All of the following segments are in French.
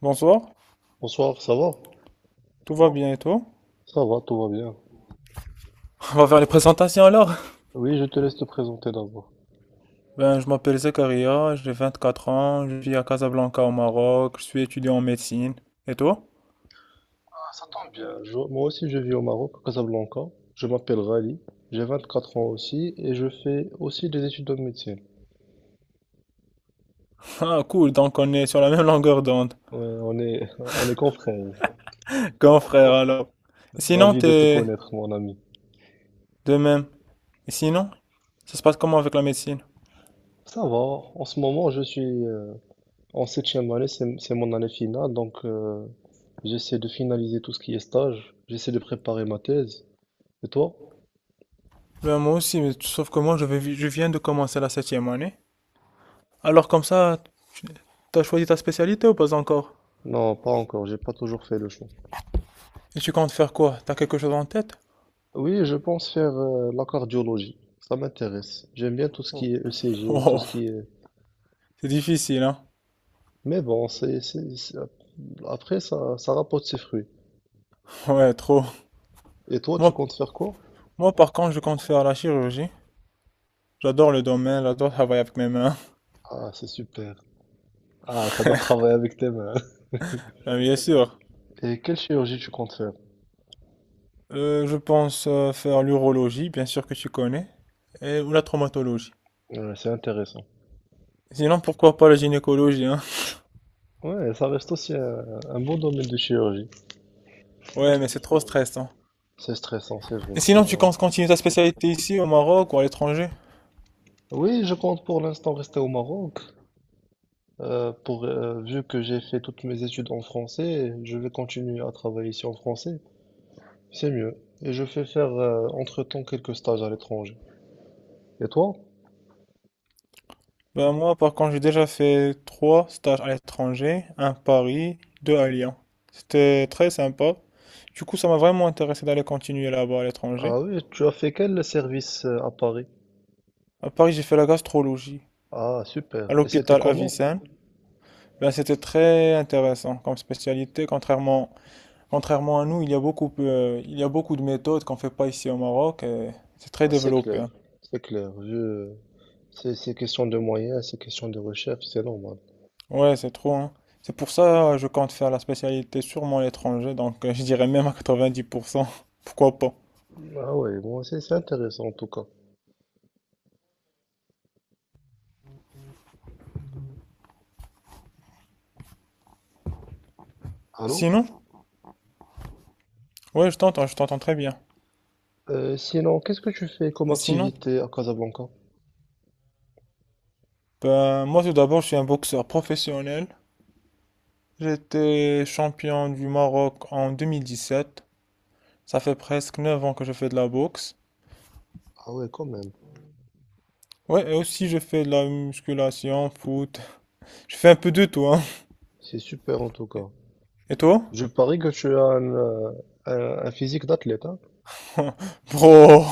Bonsoir, Bonsoir, ça va? tout va bien et toi? Ça va, tout va bien. On va faire les présentations alors. Oui, je te laisse te présenter d'abord. Je m'appelle Zakaria, j'ai 24 ans, je vis à Casablanca au Maroc, je suis étudiant en médecine. Et toi? Ah, ça tombe bien. Moi aussi, je vis au Maroc, à Casablanca. Je m'appelle Rally. J'ai 24 ans aussi et je fais aussi des études de médecine. Ah cool, donc on est sur la même longueur d'onde. Ouais, on est, on est confrères. Grand frère alors. Et sinon, Ravi de te t'es connaître, mon ami. de même. Et sinon, ça se passe comment avec la médecine? Ça va. En ce moment, je suis en septième année. C'est mon année finale, donc j'essaie de finaliser tout ce qui est stage. J'essaie de préparer ma thèse. Et toi? Ben, moi aussi, mais sauf que moi je viens de commencer la 7e année. Alors comme ça, t'as choisi ta spécialité ou pas encore? Non, pas encore. J'ai pas toujours fait le choix. Et tu comptes faire quoi? T'as quelque chose en tête? Oui, je pense faire la cardiologie. Ça m'intéresse. J'aime bien tout ce Oh, qui est ECG, tout ce oh, qui est... c'est difficile, hein? Mais bon, après, ça rapporte ses fruits. Ouais, trop. Et toi, tu Moi, comptes faire quoi? Moi, par contre, je compte faire la chirurgie. J'adore le domaine, j'adore travailler avec mes mains. Ah, c'est super. Ah, t'adores travailler avec tes mains. Bien sûr. Et quelle chirurgie tu comptes faire? Je pense faire l'urologie, bien sûr que tu connais, et, ou la traumatologie. Ouais, c'est intéressant. Sinon, pourquoi pas la gynécologie, hein? Ouais, ça reste aussi un bon domaine de chirurgie. Ouais, mais c'est trop stressant. C'est stressant, c'est vrai, Et tu sinon, tu vois. comptes continuer ta spécialité ici, au Maroc ou à l'étranger? Oui, je compte pour l'instant rester au Maroc. Vu que j'ai fait toutes mes études en français, je vais continuer à travailler ici en français. C'est mieux. Et je fais faire entre-temps quelques stages à l'étranger. Et toi? Ben moi, par contre, j'ai déjà fait trois stages à l'étranger, un à Paris, deux à Lyon. C'était très sympa. Du coup, ça m'a vraiment intéressé d'aller continuer là-bas à Ah l'étranger. oui, tu as fait quel service à Paris? À Paris, j'ai fait la gastrologie Ah, super. à Et c'était l'hôpital comment? Avicenne. Ben, c'était très intéressant comme spécialité. Contrairement à nous, il y a beaucoup de méthodes qu'on ne fait pas ici au Maroc et c'est très Ah, c'est développé, clair, hein. c'est clair. C'est question de moyens, c'est question de recherche, c'est normal. Ouais, c'est trop, hein. C'est pour ça que je compte faire la spécialité sûrement à l'étranger, donc je dirais même à 90%. Pourquoi pas? Ah ouais, bon, c'est intéressant en tout cas. Allô? Sinon, ouais, je t'entends très bien. Sinon, qu'est-ce que tu fais comme Et sinon, activité à Casablanca? ben, moi tout d'abord, je suis un boxeur professionnel. J'étais champion du Maroc en 2017. Ça fait presque 9 ans que je fais de la boxe. Ah ouais, quand même. Ouais, et aussi je fais de la musculation, foot. Je fais un peu de tout, hein. C'est super en tout cas. Et toi? Je parie que tu as un physique d'athlète, hein? Bro,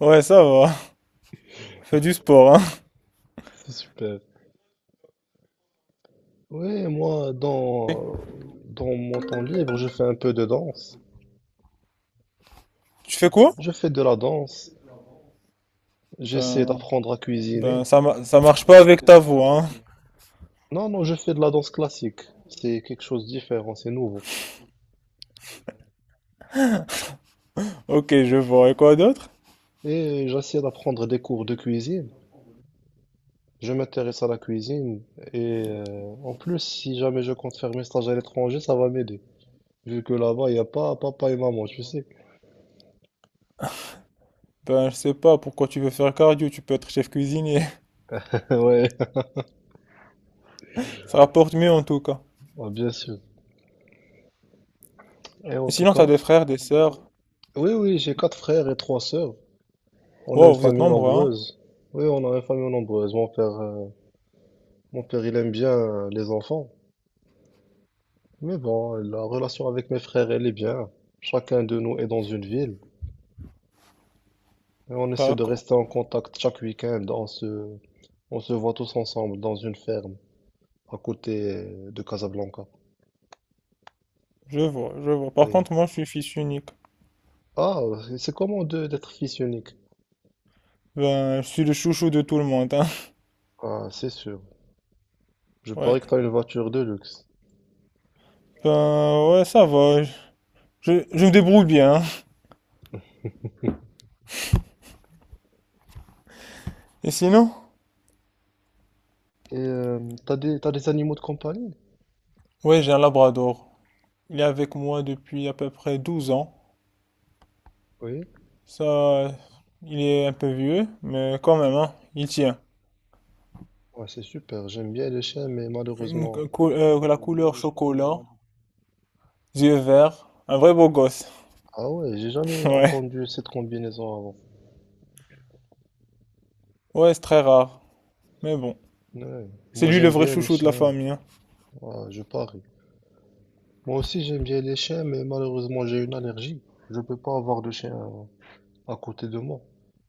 ouais, ça va. Fais du sport, C'est super. Ouais, moi, hein. dans mon temps libre, je fais un peu de danse. Tu fais quoi? Je fais de la danse. J'essaie Ben, d'apprendre à cuisiner. ben ça marche pas avec ta voix, hein. Non, non, je fais de la danse classique. C'est quelque chose de différent, c'est nouveau. Ok, je vois. Et quoi d'autre? Et j'essaie d'apprendre des cours de cuisine. Je m'intéresse à la cuisine. Et en plus, si jamais je compte faire mes stages à l'étranger, ça va m'aider. Vu que là-bas, il n'y a pas papa et maman, tu sais. Ben, je sais pas pourquoi tu veux faire cardio. Tu peux être chef cuisinier. Ouais, Ça rapporte mieux en tout cas. ouais, bien sûr. Et Et en tout sinon, cas, t'as des frères, des sœurs. oui, oui, j'ai quatre frères et trois sœurs. On a une Wow, vous êtes famille nombreux, hein? nombreuse. Oui, on a une famille nombreuse. Mon père, il aime bien les enfants. Mais bon, la relation avec mes frères, elle est bien. Chacun de nous est dans une ville. Et on essaie de D'accord. rester en contact chaque week-end. On se voit tous ensemble dans une ferme à côté de Casablanca. Je vois, je vois. Par Oui. contre, moi, je suis fils unique. Ah, c'est comment d'être fils unique? Ben, je suis le chouchou de tout le monde, hein. Ah, c'est sûr. Je Ouais. parie que t'as une voiture de luxe. Ben, ouais, ça va. Je me débrouille bien, hein. Et sinon? Et t'as des animaux de compagnie? Ouais, j'ai un labrador. Il est avec moi depuis à peu près 12 ans. Oui. Ça, euh, il est un peu vieux, mais quand même, hein, il tient. Ouais, c'est super. J'aime bien les chiens, mais malheureusement. La couleur chocolat, yeux verts, un vrai beau gosse. Ah ouais, j'ai jamais Ouais, entendu cette combinaison avant. ouais, c'est très rare. Mais bon, Ouais. c'est Moi lui le j'aime vrai bien les chouchou de la chiens. famille, hein. Ah, je parie. Moi aussi j'aime bien les chiens, mais malheureusement j'ai une allergie. Je peux pas avoir de chien à côté de moi.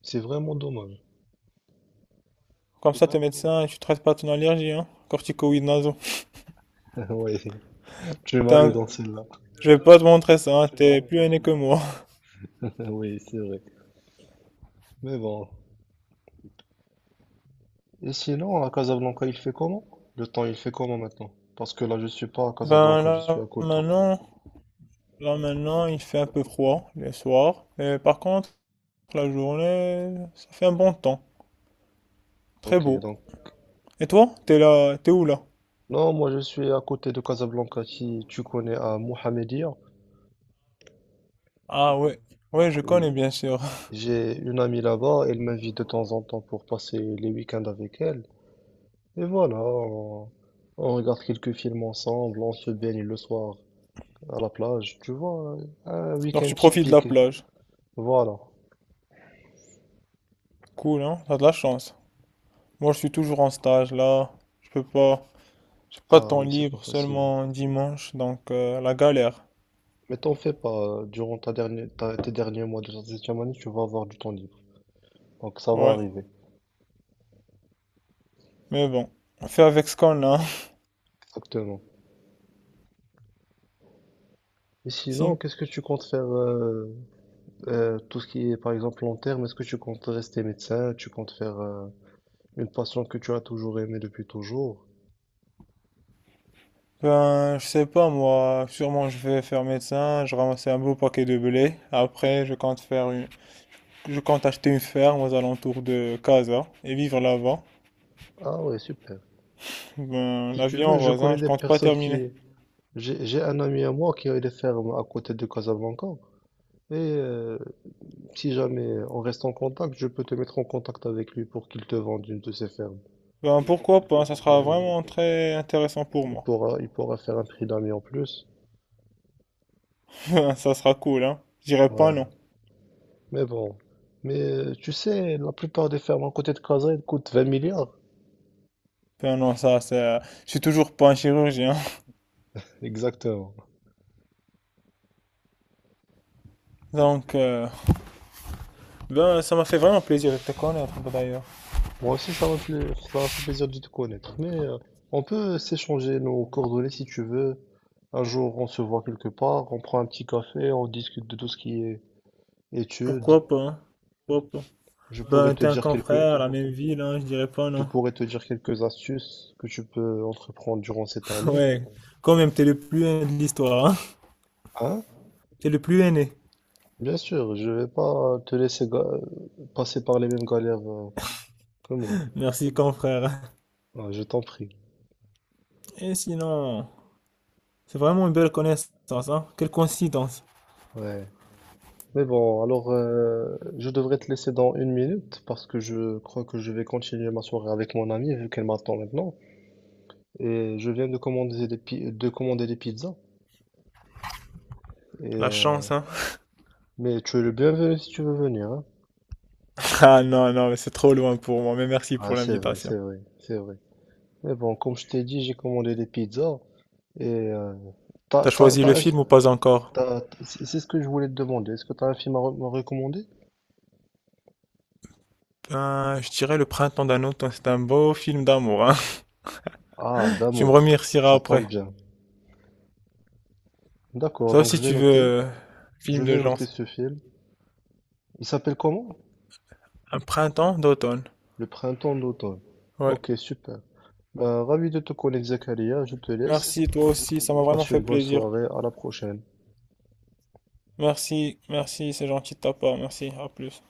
C'est vraiment dommage. Comme ça, t'es médecin, tu traites pas ton allergie, hein? Corticoïdes nasaux. Oui, tu T'es m'as eu un- dans celle-là. Je vais pas te montrer ça, hein, t'es plus aîné que moi. Oui, c'est vrai. Mais bon. Et sinon, à Casablanca, il fait comment? Le temps, il fait comment maintenant? Parce que là, je suis pas à Ben Casablanca, je suis à là, côté. maintenant, Là maintenant, il fait un peu froid les soirs, mais par contre, la journée, ça fait un bon temps, très Ok, beau. donc. Et toi, t'es où là? Non, moi je suis à côté de Casablanca, si tu connais à Mohamedia. Ah ouais, ouais, je Oui. connais bien sûr. J'ai une amie là-bas, elle m'invite de temps en temps pour passer les week-ends avec elle. Et voilà, on regarde quelques films ensemble, on se baigne le soir à la plage. Tu vois, un Donc week-end tu profites de la typique. plage. Voilà. Cool, hein? T'as de la chance. Moi, je suis toujours en stage là, je peux pas, j'ai pas de Ah temps oui, c'est libre, pas facile. seulement dimanche, donc la galère. Mais t'en fais pas, durant tes derniers mois de ta septième année, tu vas avoir du temps libre. Donc ça va Ouais, arriver, mais bon, on fait avec ce qu'on a. exactement. Et sinon, Si. qu'est-ce que tu comptes faire, tout ce qui est par exemple long terme, est-ce que tu comptes rester médecin, tu comptes faire... Une passion que tu as toujours aimée depuis toujours? Ben, je sais pas moi, sûrement je vais faire médecin, je ramassais un beau paquet de blé, après je compte faire une Je compte acheter une ferme aux alentours de Casa et vivre là-bas. Ah ouais, super. Ben, Si la tu vie en veux, je rose, hein, connais je des compte pas personnes terminer. qui... J'ai un ami à moi qui a des fermes à côté de Casablanca. Et si jamais on reste en contact, je peux te mettre en contact avec lui pour qu'il te vende une de ses fermes. Ben, pourquoi pas, ça sera Oui, oui. vraiment très intéressant pour Il moi. pourra, il pourra faire un prix d'ami en plus. Ben, ça sera cool, hein. Je dirais pas non. Ouais, mais bon. Mais tu sais, la plupart des fermes à côté de Casa, elles coûtent 20 milliards. Ben non, ça, c'est... euh, Je suis toujours pas un chirurgien. Exactement. Donc, ben, ça m'a fait vraiment plaisir de te connaître, ben, d'ailleurs. Moi aussi, ça m'a fait plaisir de te connaître. Mais on peut s'échanger nos coordonnées si tu veux. Un jour, on se voit quelque part, on prend un petit café, on discute de tout ce qui est études. Pourquoi pas, hein. Pourquoi pas. Je pourrais Ben, te t'es un dire quelques, confrère, la même ville, hein, je dirais pas je non. pourrais te dire quelques astuces que tu peux entreprendre durant cette année. Ouais, quand même, t'es le plus aîné de l'histoire, hein. Hein? T'es le plus aîné. Bien sûr, je vais pas te laisser passer par les mêmes galères que moi. Merci, confrère. Ah, je t'en prie. Et sinon... C'est vraiment une belle connaissance, hein. Quelle coïncidence. Ouais. Mais bon, alors je devrais te laisser dans une minute parce que je crois que je vais continuer ma soirée avec mon amie vu qu'elle m'attend maintenant. Et je viens de commander de commander des pizzas. Et, La euh, chance, hein. mais tu es le bienvenu si tu veux venir, hein. Ah non, non, mais c'est trop loin pour moi, mais merci Ah, pour c'est vrai, l'invitation. c'est vrai, c'est vrai. Mais bon, comme je t'ai dit, j'ai commandé des pizzas. Et t'as, T'as t'as, choisi le t'as un fi- film ou pas encore? t'as- c'est ce que je voulais te demander. Est-ce que tu as un film à me recommander? Ben, je dirais Le Printemps d'un automne, c'est un beau film d'amour, hein. Ah, Tu me d'amour. remercieras Ça après. tombe bien. D'accord, Sauf donc si je vais tu veux noter. Je film de vais genre. noter ce film. Il s'appelle comment? Un printemps d'automne. Le printemps d'automne. Ouais. Ok, super. Bah, ravi de te connaître, Zakaria. Je te laisse. Merci, toi aussi, ça m'a vraiment Passe fait une bonne plaisir. soirée. À la prochaine. Merci, merci, c'est gentil de ta part, merci, à plus.